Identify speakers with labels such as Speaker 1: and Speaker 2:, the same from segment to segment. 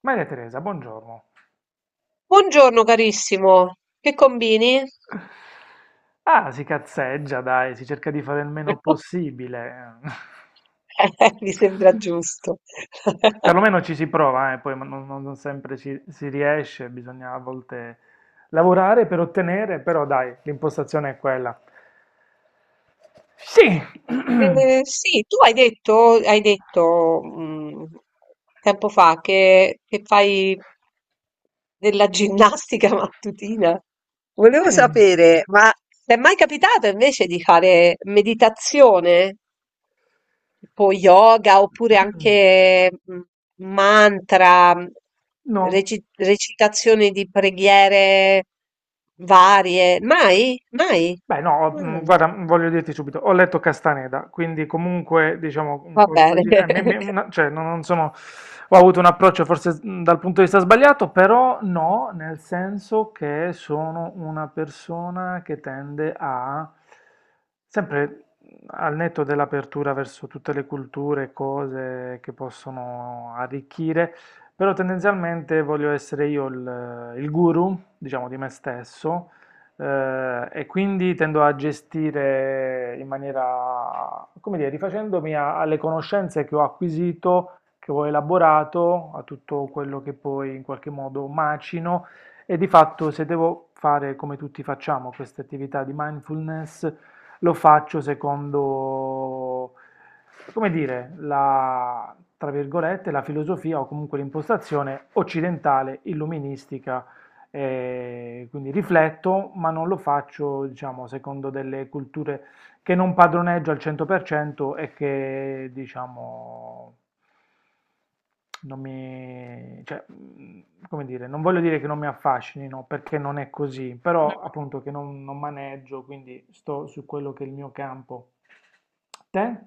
Speaker 1: Maria Teresa, buongiorno.
Speaker 2: Buongiorno carissimo, che combini?
Speaker 1: Ah, si cazzeggia, dai, si cerca di fare il meno
Speaker 2: Okay,
Speaker 1: possibile.
Speaker 2: mi sembra giusto.
Speaker 1: Perlomeno ci si prova, poi ma non sempre ci, si riesce, bisogna a volte lavorare per ottenere, però dai, l'impostazione è quella. Sì.
Speaker 2: Sì, tu hai detto, tempo fa che fai della ginnastica mattutina. Volevo
Speaker 1: Sì.
Speaker 2: sapere, ma t'è mai capitato invece di fare meditazione? Tipo yoga oppure anche mantra,
Speaker 1: No.
Speaker 2: recitazioni di preghiere varie. Mai? Mai?
Speaker 1: Beh, no, ho-
Speaker 2: Mm,
Speaker 1: guarda, voglio dirti subito, ho letto Castaneda, quindi comunque, diciamo, un
Speaker 2: va bene.
Speaker 1: qualcosina, cioè, non sono, ho avuto un approccio forse dal punto di vista sbagliato, però no, nel senso che sono una persona che tende a, sempre al netto dell'apertura verso tutte le culture, cose che possono arricchire, però tendenzialmente voglio essere io il guru, diciamo, di me stesso e quindi tendo a gestire in maniera, come dire, rifacendomi alle conoscenze che ho acquisito, che ho elaborato, a tutto quello che poi in qualche modo macino e di fatto se devo fare come tutti facciamo queste attività di mindfulness, lo faccio secondo, come dire, tra virgolette, la filosofia o comunque l'impostazione occidentale, illuministica, quindi rifletto, ma non lo faccio, diciamo, secondo delle culture che non padroneggio al 100% e che, diciamo, non mi, cioè, come dire, non voglio dire che non mi affascinino, perché non è così, però appunto che non maneggio, quindi sto su quello che è il mio campo. Te?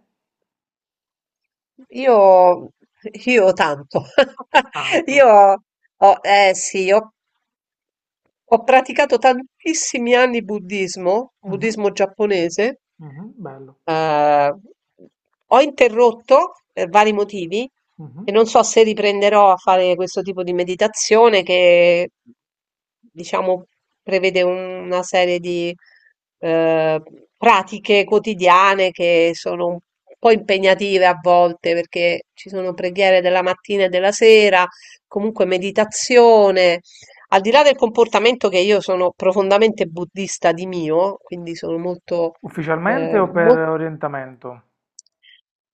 Speaker 2: Io, io tanto.
Speaker 1: Canto.
Speaker 2: Io, eh sì, ho, ho praticato tantissimi anni buddismo,
Speaker 1: Mhm,
Speaker 2: buddismo giapponese.
Speaker 1: mhm, bello.
Speaker 2: Eh, ho interrotto per vari motivi e
Speaker 1: Mhm.
Speaker 2: non so se riprenderò a fare questo tipo di meditazione che, diciamo, prevede una serie di eh, pratiche quotidiane che sono un po' impegnative a volte perché ci sono preghiere della mattina e della sera, comunque meditazione. Al di là del comportamento che io sono profondamente buddista di mio, quindi sono molto,
Speaker 1: Ufficialmente
Speaker 2: eh,
Speaker 1: o per
Speaker 2: mol-
Speaker 1: orientamento?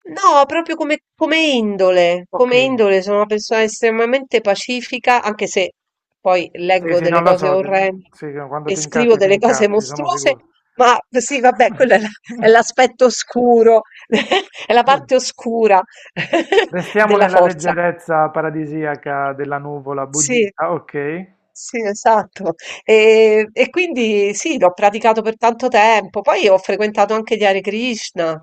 Speaker 2: No, proprio come,
Speaker 1: Ok.
Speaker 2: come indole sono una persona estremamente pacifica, anche se poi
Speaker 1: Sì,
Speaker 2: leggo
Speaker 1: sì,
Speaker 2: delle
Speaker 1: non lo
Speaker 2: cose
Speaker 1: so,
Speaker 2: orrende
Speaker 1: sì, che quando
Speaker 2: e scrivo
Speaker 1: ti
Speaker 2: delle cose
Speaker 1: incazzi, sono
Speaker 2: mostruose,
Speaker 1: sicuro.
Speaker 2: ma sì, vabbè, è l'aspetto oscuro, è la parte oscura
Speaker 1: Restiamo
Speaker 2: della
Speaker 1: nella
Speaker 2: forza.
Speaker 1: leggerezza paradisiaca della nuvola
Speaker 2: Sì.
Speaker 1: buddista, ok?
Speaker 2: Sì, esatto. E quindi sì, l'ho praticato per tanto tempo. Poi ho frequentato anche gli Hare Krishna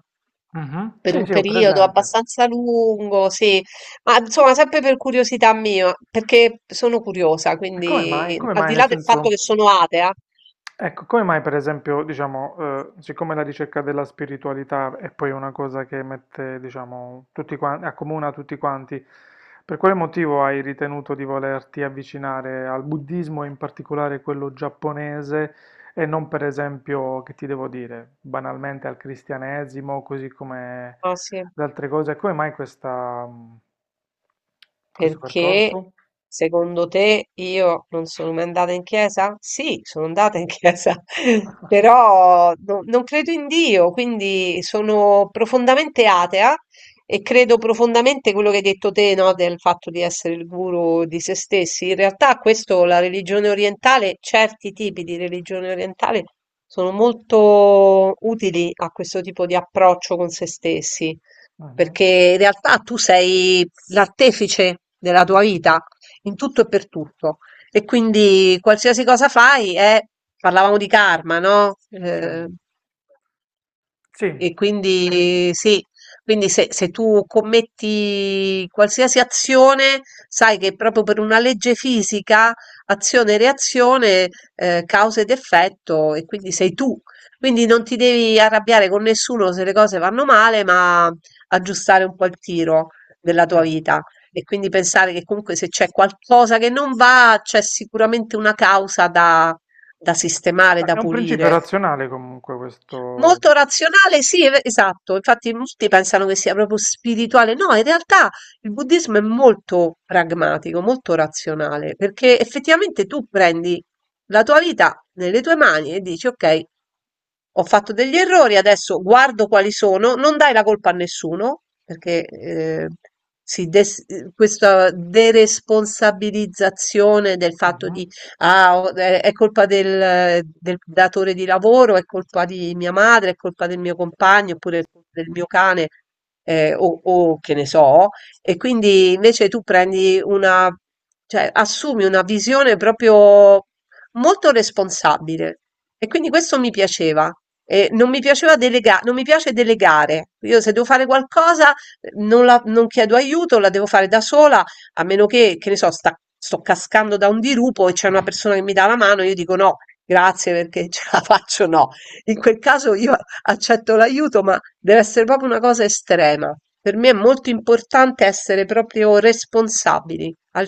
Speaker 1: Mhm.
Speaker 2: per
Speaker 1: Sì,
Speaker 2: un
Speaker 1: sì, ho
Speaker 2: periodo
Speaker 1: presente.
Speaker 2: abbastanza lungo, sì, ma insomma sempre per curiosità mia, perché sono curiosa,
Speaker 1: E come mai?
Speaker 2: quindi
Speaker 1: Come
Speaker 2: al
Speaker 1: mai,
Speaker 2: di
Speaker 1: nel
Speaker 2: là del fatto
Speaker 1: senso?
Speaker 2: che sono atea,
Speaker 1: Ecco, come mai per esempio, diciamo, siccome la ricerca della spiritualità è poi una cosa che mette, diciamo, tutti quanti, accomuna tutti quanti, per quale motivo hai ritenuto di volerti avvicinare al buddismo, e in particolare quello giapponese, e non per esempio, che ti devo dire, banalmente al cristianesimo, così come
Speaker 2: ah, sì.
Speaker 1: ad altre cose? Come mai questa, questo
Speaker 2: Perché
Speaker 1: percorso?
Speaker 2: secondo te io non sono mai andata in chiesa? Sì, sono andata in chiesa, però non credo in Dio, quindi sono profondamente atea e credo profondamente quello che hai detto te, no, del fatto di essere il guru di se stessi. In realtà questo, la religione orientale, certi tipi di religione orientale sono molto utili a questo tipo di approccio con se stessi
Speaker 1: Mhm.
Speaker 2: perché in realtà tu sei l'artefice della tua vita in tutto e per tutto e quindi qualsiasi cosa fai è, parlavamo di karma, no?
Speaker 1: Sì, sì,
Speaker 2: E quindi sì, quindi se tu commetti qualsiasi azione, sai che proprio per una legge fisica, azione e reazione, causa ed effetto, e quindi sei tu. Quindi non ti devi arrabbiare con nessuno se le cose vanno male, ma aggiustare un po' il tiro della
Speaker 1: sì.
Speaker 2: tua vita. E quindi pensare che comunque se c'è qualcosa che non va, c'è sicuramente una causa da da sistemare, da
Speaker 1: È un principio
Speaker 2: pulire.
Speaker 1: razionale comunque questo.
Speaker 2: Molto razionale, sì, esatto. Infatti molti pensano che sia proprio spirituale. No, in realtà il buddismo è molto pragmatico, molto razionale, perché effettivamente tu prendi la tua vita nelle tue mani e dici, ok, ho fatto degli errori, adesso guardo quali sono, non dai la colpa a nessuno, perché questa deresponsabilizzazione del fatto di
Speaker 1: Mhm.
Speaker 2: Ah, è colpa del, del datore di lavoro, è colpa di mia madre, è colpa del mio compagno, oppure è colpa del mio cane, o che ne so. E quindi invece tu prendi una, cioè assumi una visione proprio molto responsabile. E quindi questo mi piaceva. E non mi piaceva non mi piace delegare. Io se devo fare qualcosa, non chiedo aiuto, la devo fare da sola a meno che ne so, sto cascando da un dirupo e c'è una persona che mi dà la mano, io dico no, grazie perché ce la faccio, no. In quel caso io accetto l'aiuto, ma deve essere proprio una cosa estrema. Per me è molto importante essere proprio responsabili al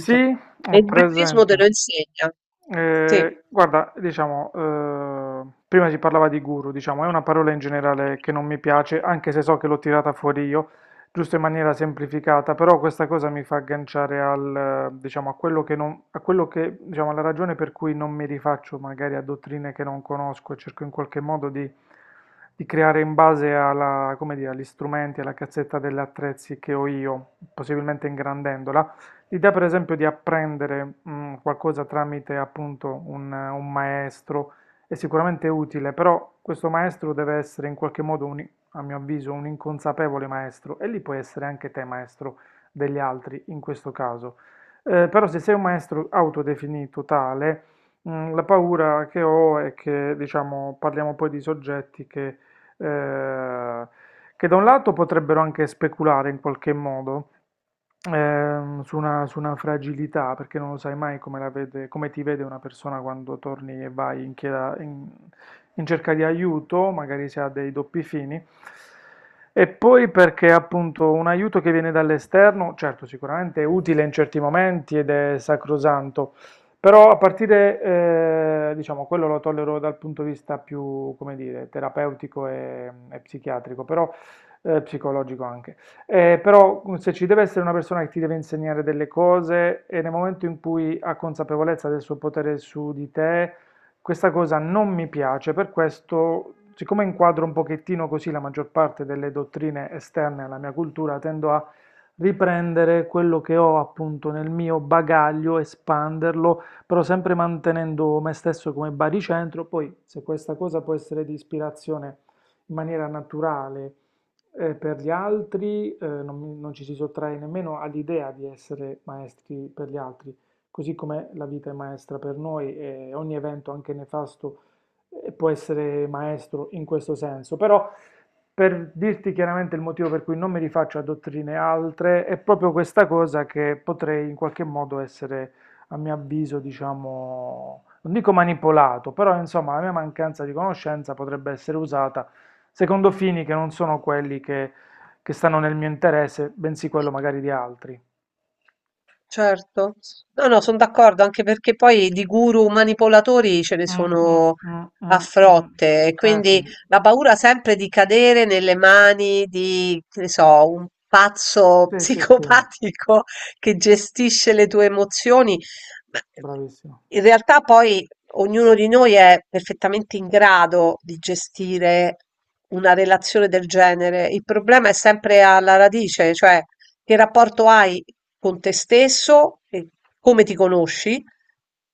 Speaker 1: Sì,
Speaker 2: E
Speaker 1: ho
Speaker 2: il buddismo te lo
Speaker 1: presente.
Speaker 2: insegna. Sì.
Speaker 1: Eh, guarda, diciamo, eh, prima si parlava di guru, diciamo, è una parola in generale che non mi piace, anche se so che l'ho tirata fuori io, giusto in maniera semplificata, però questa cosa mi fa agganciare diciamo, a quello che non, a quello che, diciamo, alla ragione per cui non mi rifaccio magari a dottrine che non conosco e cerco in qualche modo di creare in base alla, come dire, agli strumenti, alla cazzetta degli attrezzi che ho io, possibilmente ingrandendola. L'idea per esempio di apprendere qualcosa tramite appunto un maestro è sicuramente utile, però questo maestro deve essere in qualche modo, a mio avviso, un inconsapevole maestro e lì puoi essere anche te maestro degli altri in questo caso. Però se sei un maestro autodefinito tale, la paura che ho è che, diciamo, parliamo poi di soggetti eh, che da un lato potrebbero anche speculare in qualche modo, su una fragilità, perché non lo sai mai come la come ti vede una persona quando torni e vai in, in cerca di aiuto, magari si ha dei doppi fini. E poi perché appunto un aiuto che viene dall'esterno, certo, sicuramente è utile in certi momenti ed è sacrosanto, però a partire, diciamo, quello lo tollero dal punto di vista più, come dire, terapeutico e psichiatrico, però psicologico anche. Però se ci deve essere una persona che ti deve insegnare delle cose e nel momento in cui ha consapevolezza del suo potere su di te, questa cosa non mi piace, per questo, siccome inquadro un pochettino così la maggior parte delle dottrine esterne alla mia cultura, tendo a riprendere quello che ho appunto nel mio bagaglio, espanderlo, però sempre mantenendo me stesso come baricentro, poi se questa cosa può essere di ispirazione in maniera naturale per gli altri, non ci si sottrae nemmeno all'idea di essere maestri per gli altri, così come la vita è maestra per noi e ogni evento, anche nefasto, può essere maestro in questo senso. Però, per dirti chiaramente il motivo per cui non mi rifaccio a dottrine altre, è proprio questa cosa che potrei in qualche modo essere, a mio avviso, diciamo, non dico manipolato, però insomma la mia mancanza di conoscenza potrebbe essere usata secondo fini che non sono quelli che stanno nel mio interesse, bensì quello magari di altri.
Speaker 2: Certo. No, no, son d'accordo, anche perché poi di guru manipolatori ce ne
Speaker 1: Mm, mm,
Speaker 2: sono
Speaker 1: mm,
Speaker 2: a
Speaker 1: mm, mm.
Speaker 2: frotte, e
Speaker 1: Eh sì,
Speaker 2: quindi la paura sempre di cadere nelle mani di, che ne so, un pazzo
Speaker 1: sì, sì, sì,
Speaker 2: psicopatico che gestisce le tue emozioni. Ma
Speaker 1: bravissimo.
Speaker 2: in realtà poi ognuno di noi è perfettamente in grado di gestire una relazione del genere. Il problema è sempre alla radice, cioè che rapporto hai con te stesso e come ti conosci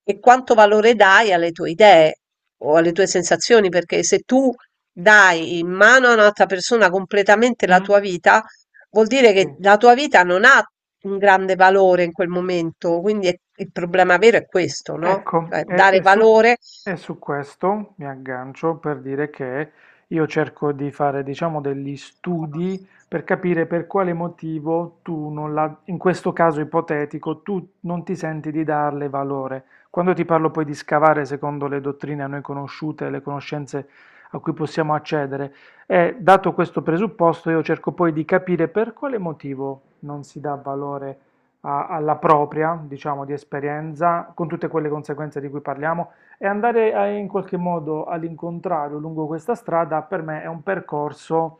Speaker 2: e quanto valore dai alle tue idee o alle tue sensazioni, perché se tu dai in mano a un'altra persona completamente la tua
Speaker 1: Mm,
Speaker 2: vita, vuol dire che
Speaker 1: sì.
Speaker 2: la tua vita non ha un grande valore in quel momento, quindi il problema vero è questo, no?
Speaker 1: Ecco,
Speaker 2: Cioè
Speaker 1: e, e
Speaker 2: dare
Speaker 1: Ma- su,
Speaker 2: valore.
Speaker 1: e su questo mi aggancio per dire che io cerco di fare, diciamo, degli studi per capire per quale motivo tu non la, in questo caso ipotetico, tu non ti senti di darle valore. Quando ti parlo poi di scavare secondo le dottrine a noi conosciute, le conoscenze a cui possiamo accedere, e dato questo presupposto, io cerco poi di capire per quale motivo non si dà valore alla propria, diciamo, di esperienza, con tutte quelle conseguenze di cui parliamo, e andare in qualche modo all'incontrario lungo questa strada, per me è un percorso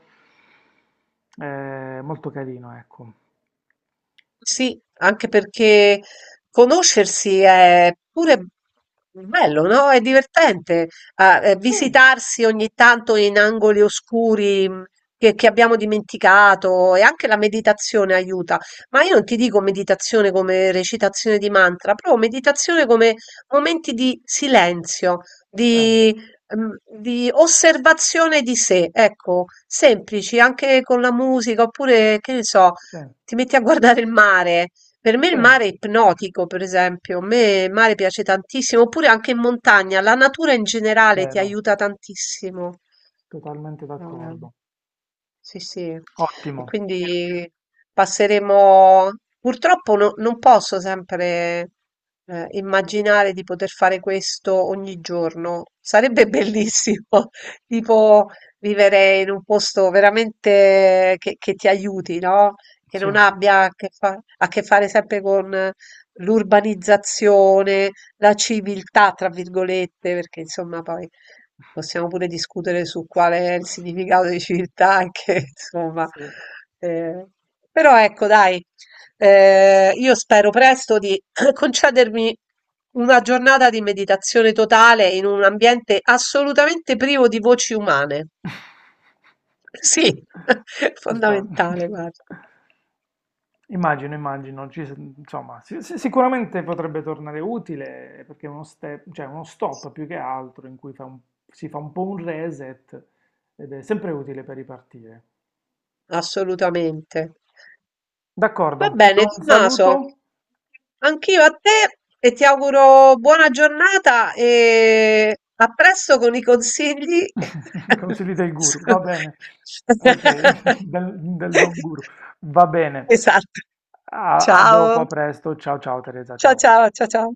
Speaker 1: molto carino, ecco.
Speaker 2: Sì, anche perché conoscersi è pure bello, no? È divertente
Speaker 1: Sì,
Speaker 2: visitarsi ogni tanto in angoli oscuri che abbiamo dimenticato e anche la meditazione aiuta. Ma io non ti dico meditazione come recitazione di mantra, proprio meditazione come momenti di silenzio,
Speaker 1: sì,
Speaker 2: di, di osservazione di sé, ecco, semplici, anche con la musica, oppure che ne so
Speaker 1: sì,
Speaker 2: ti metti a guardare il mare. Per me il
Speaker 1: sì,
Speaker 2: mare è ipnotico, per esempio. A me il mare piace tantissimo, oppure anche in montagna. La natura in generale ti
Speaker 1: vero,
Speaker 2: aiuta tantissimo.
Speaker 1: totalmente
Speaker 2: Ah.
Speaker 1: d'accordo.
Speaker 2: Sì, sì. E
Speaker 1: Ottimo,
Speaker 2: quindi passeremo... Purtroppo non posso sempre immaginare di poter fare questo ogni giorno. Sarebbe bellissimo, tipo vivere in un posto veramente che ti aiuti, no? Che
Speaker 1: sì,
Speaker 2: non abbia a che, a che fare sempre con l'urbanizzazione, la civiltà, tra virgolette, perché insomma poi possiamo pure discutere su quale è il significato di civiltà che insomma,
Speaker 1: sì.
Speaker 2: ehm, però ecco dai, io spero presto di concedermi una giornata di meditazione totale in un ambiente assolutamente privo di voci umane. Sì,
Speaker 1: Ci sta.
Speaker 2: fondamentale, guarda,
Speaker 1: Immagino, immagino, insomma, sicuramente potrebbe tornare utile perché è uno step, cioè uno stop più che altro in cui si fa un po' un reset ed è sempre utile per ripartire.
Speaker 2: assolutamente. Va
Speaker 1: D'accordo, ti
Speaker 2: bene,
Speaker 1: do un
Speaker 2: Tommaso,
Speaker 1: saluto.
Speaker 2: anch'io a te e ti auguro buona giornata e a presto con i consigli.
Speaker 1: Consigli del guru,
Speaker 2: su-
Speaker 1: va bene. Ok, del don guru, va bene.
Speaker 2: Esatto.
Speaker 1: A dopo,
Speaker 2: Ciao.
Speaker 1: a presto. Ciao, ciao Teresa,
Speaker 2: Ciao,
Speaker 1: ciao.
Speaker 2: ciao, ciao, ciao.